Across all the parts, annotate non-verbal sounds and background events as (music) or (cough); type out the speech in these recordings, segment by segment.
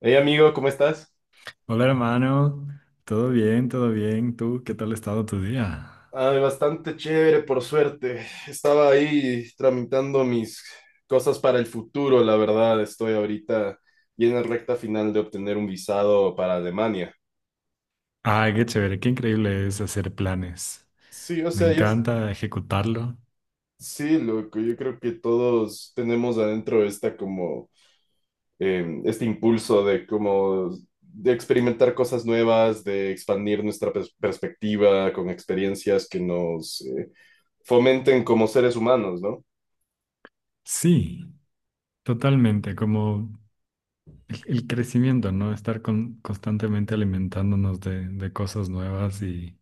Hey amigo, ¿cómo estás? Hola hermano, todo bien, todo bien. ¿Tú qué tal ha estado tu día? Ay, bastante chévere, por suerte. Estaba ahí tramitando mis cosas para el futuro, la verdad. Estoy ahorita bien en recta final de obtener un visado para Alemania. Ay, qué chévere, qué increíble es hacer planes. Sí, o Me sea, yo encanta ejecutarlo. sí, loco, yo creo que todos tenemos adentro esta como este impulso de como de experimentar cosas nuevas, de expandir nuestra perspectiva con experiencias que nos fomenten como seres humanos, ¿no? Sí, totalmente, como el crecimiento, ¿no? Estar constantemente alimentándonos de cosas nuevas y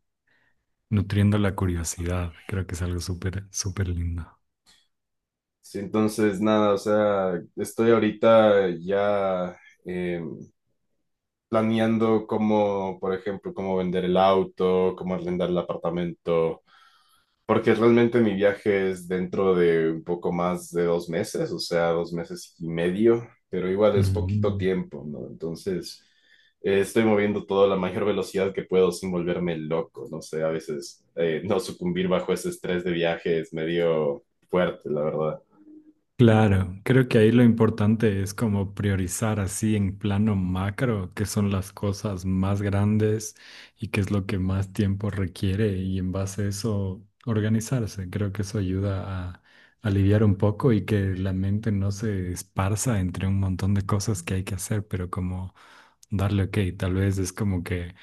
nutriendo la curiosidad. Creo que es algo súper, súper lindo. Sí, entonces, nada, o sea, estoy ahorita ya eh, planeando cómo, por ejemplo, cómo vender el auto, cómo arrendar el apartamento, porque realmente mi viaje es dentro de un poco más de dos meses, o sea, dos meses y medio, pero igual es poquito Ujú. tiempo, ¿no? Entonces, estoy moviendo todo a la mayor velocidad que puedo sin volverme loco, no sé, a veces no sucumbir bajo ese estrés de viaje es medio fuerte, la verdad. Claro, creo que ahí lo importante es como priorizar así en plano macro qué son las cosas más grandes y qué es lo que más tiempo requiere y en base a eso organizarse. Creo que eso ayuda a aliviar un poco y que la mente no se esparza entre un montón de cosas que hay que hacer, pero como darle, ok, tal vez es como que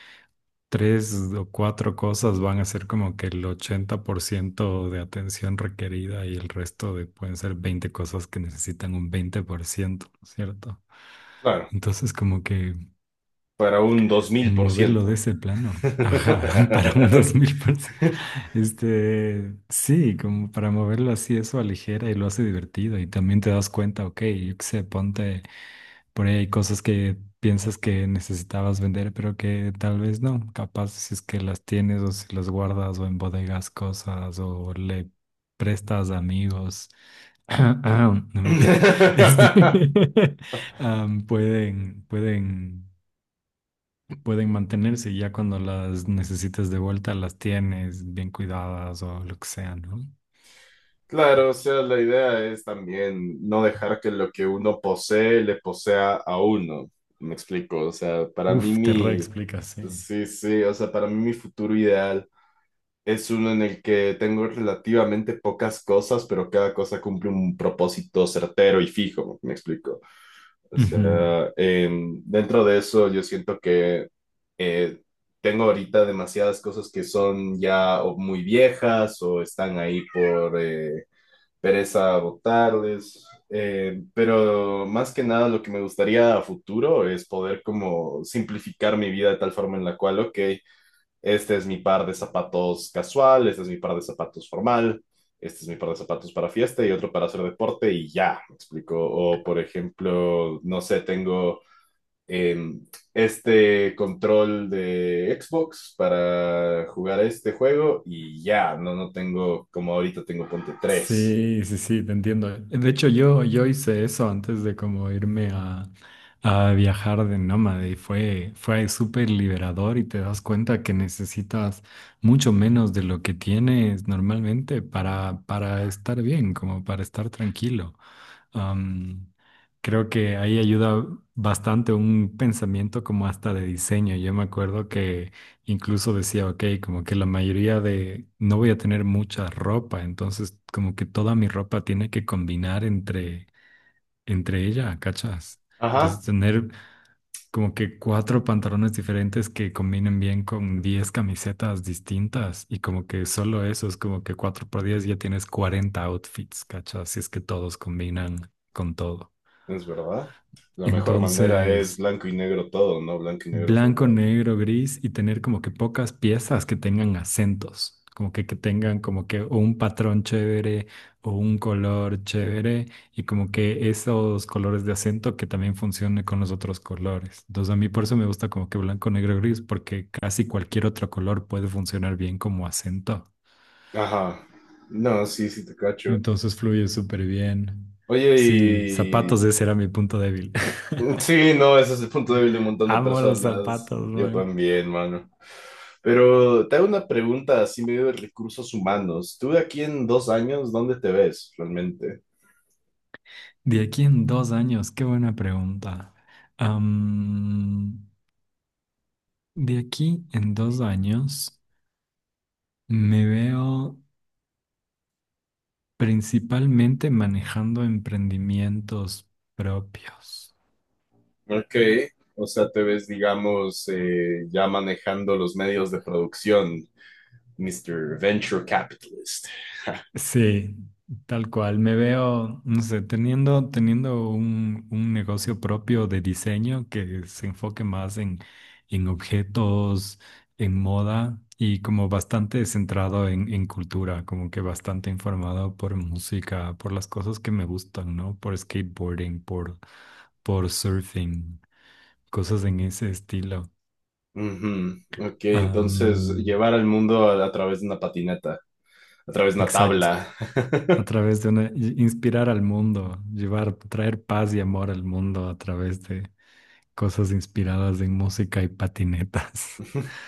tres o cuatro cosas van a ser como que el 80% de atención requerida y el resto de pueden ser 20 cosas que necesitan un 20%, ¿no es cierto? Claro, Entonces como que para un dos mil por moverlo de ciento ese plano, ajá, (laughs) para un 2000%, (laughs) sí, como para moverlo así, eso aligera y lo hace divertido y también te das cuenta, ok, yo qué sé, ponte. Por ahí hay cosas que piensas que necesitabas vender, pero que tal vez no. Capaz si es que las tienes o si las guardas o en bodegas cosas o le prestas a amigos. (clears throat) No, mentira. (laughs) Este, (laughs) am, pueden, pueden, pueden mantenerse y ya cuando las necesites de vuelta las tienes bien cuidadas o lo que sea, ¿no? Claro, o sea, la idea es también no dejar que lo que uno posee le posea a uno. Me explico, o sea, Uf, te reexplicas, sí. sí, sí, o sea, para mí mi futuro ideal es uno en el que tengo relativamente pocas cosas, pero cada cosa cumple un propósito certero y fijo. Me explico. O Ujú. sea, dentro de eso yo siento que eh, tengo ahorita demasiadas cosas que son ya o muy viejas o están ahí por pereza votarles, pero más que nada lo que me gustaría a futuro es poder como simplificar mi vida de tal forma en la cual, ok, este es mi par de zapatos casual, este es mi par de zapatos formal, este es mi par de zapatos para fiesta y otro para hacer deporte y ya, me explico. O por ejemplo, no sé, tengo em, este control de Xbox para jugar este juego y ya, no, no tengo, como ahorita tengo ponte tres. Sí, sí, sí, te entiendo. De hecho, yo hice eso antes de como irme a viajar de nómade y fue súper liberador y te das cuenta que necesitas mucho menos de lo que tienes normalmente para estar bien, como para estar tranquilo. Am, creo que ahí ayuda bastante un pensamiento como hasta de diseño. Yo me acuerdo que incluso decía, ok, como que la mayoría de, no voy a tener mucha ropa, entonces como que toda mi ropa tiene que combinar entre ella, ¿cachas? Entonces Ajá. tener como que cuatro pantalones diferentes que combinen bien con 10 camisetas distintas y como que solo eso es como que cuatro por diez ya tienes 40 outfits, ¿cachas? Si es que todos combinan con todo. Es verdad. La mejor manera es Entonces, blanco y negro todo, ¿no? Blanco y negro for blanco, life. negro, gris y tener como que pocas piezas que tengan acentos, como que tengan como que o un patrón chévere o un color chévere y como que esos colores de acento que también funcionen con los otros colores. Entonces, a mí por eso me gusta como que blanco, negro, gris, porque casi cualquier otro color puede funcionar bien como acento. Ajá. No, sí, sí te cacho. Entonces, fluye súper bien. Oye, Sí, y... zapatos, ese era mi punto débil. (laughs) sí, no, ese es el punto débil de un montón de Amo los personas. zapatos, Yo man. también, mano. Pero te hago una pregunta así medio de recursos humanos. ¿Tú de aquí en dos años, dónde te ves realmente? De aquí en 2 años, qué buena pregunta. Am, de aquí en 2 años me veo principalmente manejando emprendimientos propios. Ok. O sea, te ves, digamos, ya manejando los medios de producción, Mr. Venture Capitalist. (laughs) Sí, tal cual. Me veo, no sé, teniendo un negocio propio de diseño que se enfoque más en objetos, en moda y como bastante centrado en cultura, como que bastante informado por música, por las cosas que me gustan, ¿no? Por skateboarding, por surfing, cosas en ese estilo. Ujú. Ok, entonces Am, llevar al mundo a través de una patineta, a través de una exacto. tabla. A través de una, inspirar al mundo, llevar, traer paz y amor al mundo a través de cosas inspiradas en música y patinetas. (laughs)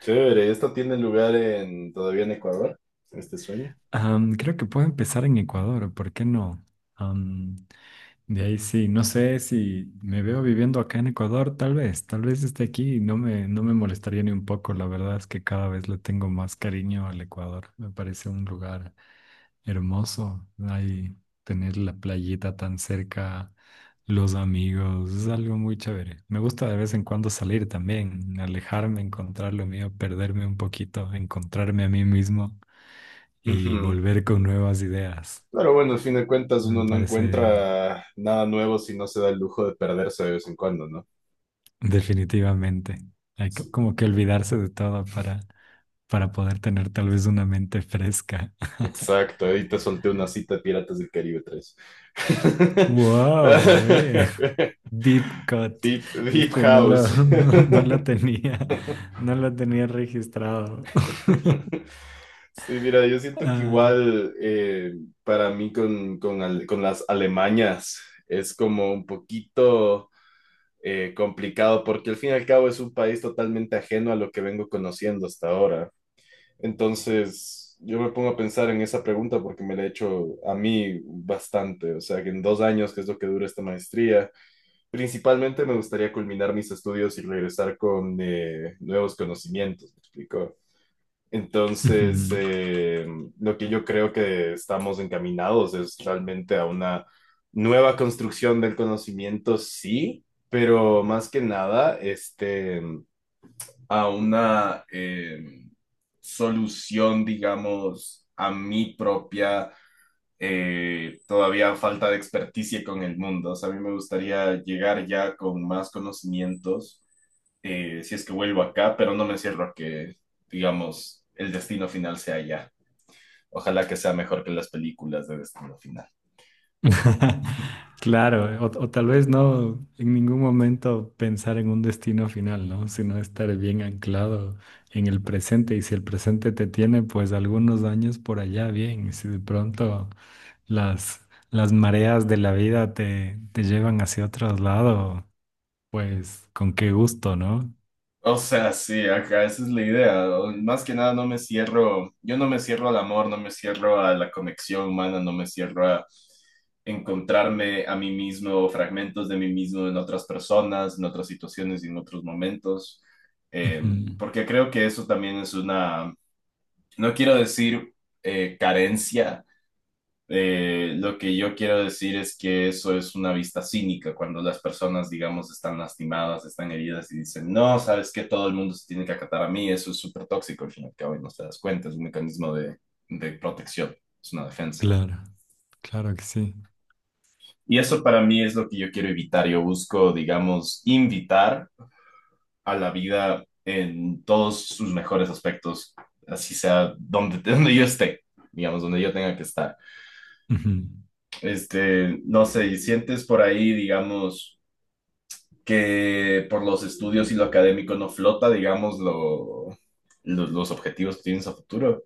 Chévere, ¿esto tiene lugar en todavía en Ecuador, este sueño? (laughs) Creo que puedo empezar en Ecuador, ¿por qué no? Am, de ahí sí, no sé si me veo viviendo acá en Ecuador, tal vez esté aquí y no me molestaría ni un poco. La verdad es que cada vez le tengo más cariño al Ecuador. Me parece un lugar hermoso, ahí tener la playita tan cerca, los amigos, es algo muy chévere. Me gusta de vez en cuando salir también, alejarme, encontrar lo mío, perderme un poquito, encontrarme a mí mismo y Ujú. volver con nuevas ideas. Pero bueno, al fin de cuentas uno Me no parece encuentra nada nuevo si no se da el lujo de perderse de vez en cuando, ¿no? definitivamente. Hay Sí. como que olvidarse de todo para poder tener tal vez una mente fresca. (laughs) Exacto, ahí te solté una cita de Piratas del Caribe 3. ¡Wow! (laughs) Deep Cut. Deep, Deep Este no lo, House. (laughs) no, no lo tenía, no lo tenía registrado. (laughs) (laughs) Sí, mira, yo siento que Ah, igual para mí con las Alemañas es como un poquito complicado porque al fin y al cabo es un país totalmente ajeno a lo que vengo conociendo hasta ahora. Entonces, yo me pongo a pensar en esa pregunta porque me la he hecho a mí bastante. O sea, que en dos años, que es lo que dura esta maestría, principalmente me gustaría culminar mis estudios y regresar con nuevos conocimientos, ¿me explico? ujú. Entonces, lo que yo creo que estamos encaminados es realmente a una nueva construcción del conocimiento, sí, pero más que nada, este, a una solución, digamos, a mi propia todavía falta de experticia con el mundo. O sea, a mí me gustaría llegar ya con más conocimientos, si es que vuelvo acá, pero no me cierro a que, digamos, el destino final sea allá. Ojalá que sea mejor que las películas de destino final. (laughs) Claro, o tal vez no en ningún momento pensar en un destino final, ¿no? Sino estar bien anclado en el presente. Y si el presente te tiene, pues algunos años por allá, bien. Y si de pronto las, las mareas de la vida te llevan hacia otro lado, pues con qué gusto, ¿no? O sea, sí, acá esa es la idea. O- más que nada no me cierro, yo no me cierro al amor, no me cierro a la conexión humana, no me cierro a encontrarme a mí mismo, fragmentos de mí mismo en otras personas, en otras situaciones y en otros momentos, Eh, Ujú. porque creo que eso también es una, no quiero decir carencia, lo que yo quiero decir es que eso es una vista cínica, cuando las personas, digamos, están lastimadas, están heridas y dicen, no, sabes que todo el mundo se tiene que acatar a mí, eso es súper tóxico al fin y al cabo y no te das cuenta, es un mecanismo de protección, es una defensa. Claro, claro que sí. Y eso para mí es lo que yo quiero evitar, yo busco, digamos, invitar a la vida en todos sus mejores aspectos, así sea donde, (laughs) donde yo esté, digamos, donde yo tenga que estar. Ujú. Este, no sé, y sientes por ahí, digamos, que por los estudios y lo académico no flota, digamos, los objetivos que tienes a futuro.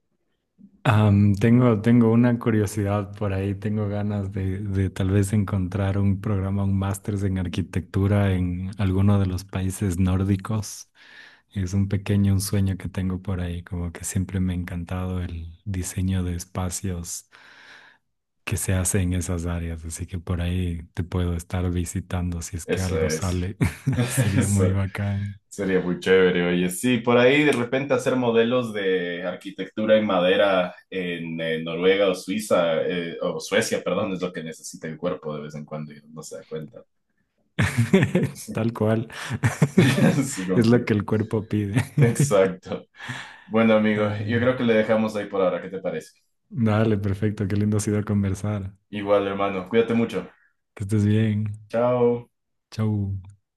Tengo una curiosidad por ahí, tengo ganas de tal vez encontrar un programa, un máster en arquitectura en alguno de los países nórdicos. Es un sueño que tengo por ahí, como que siempre me ha encantado el diseño de espacios que se hace en esas áreas, así que por ahí te puedo estar visitando si es que Eso algo es, sale. (laughs) (laughs) Sería muy eso bacán. sería muy chévere. Oye, sí, por ahí de repente hacer modelos de arquitectura en madera en Noruega o Suiza, o Suecia, perdón, es lo que necesita el cuerpo de vez en cuando y no se da cuenta. (laughs) Tal cual. (laughs) Sí, (laughs) Es lo que confirmo. el cuerpo pide. (laughs) Exacto. Bueno, amigo, yo Ay, creo que le dejamos ahí por ahora. ¿Qué te parece? dale, perfecto. Qué lindo ha sido conversar. Igual, hermano, cuídate mucho. Que estés bien. Chao. Chau.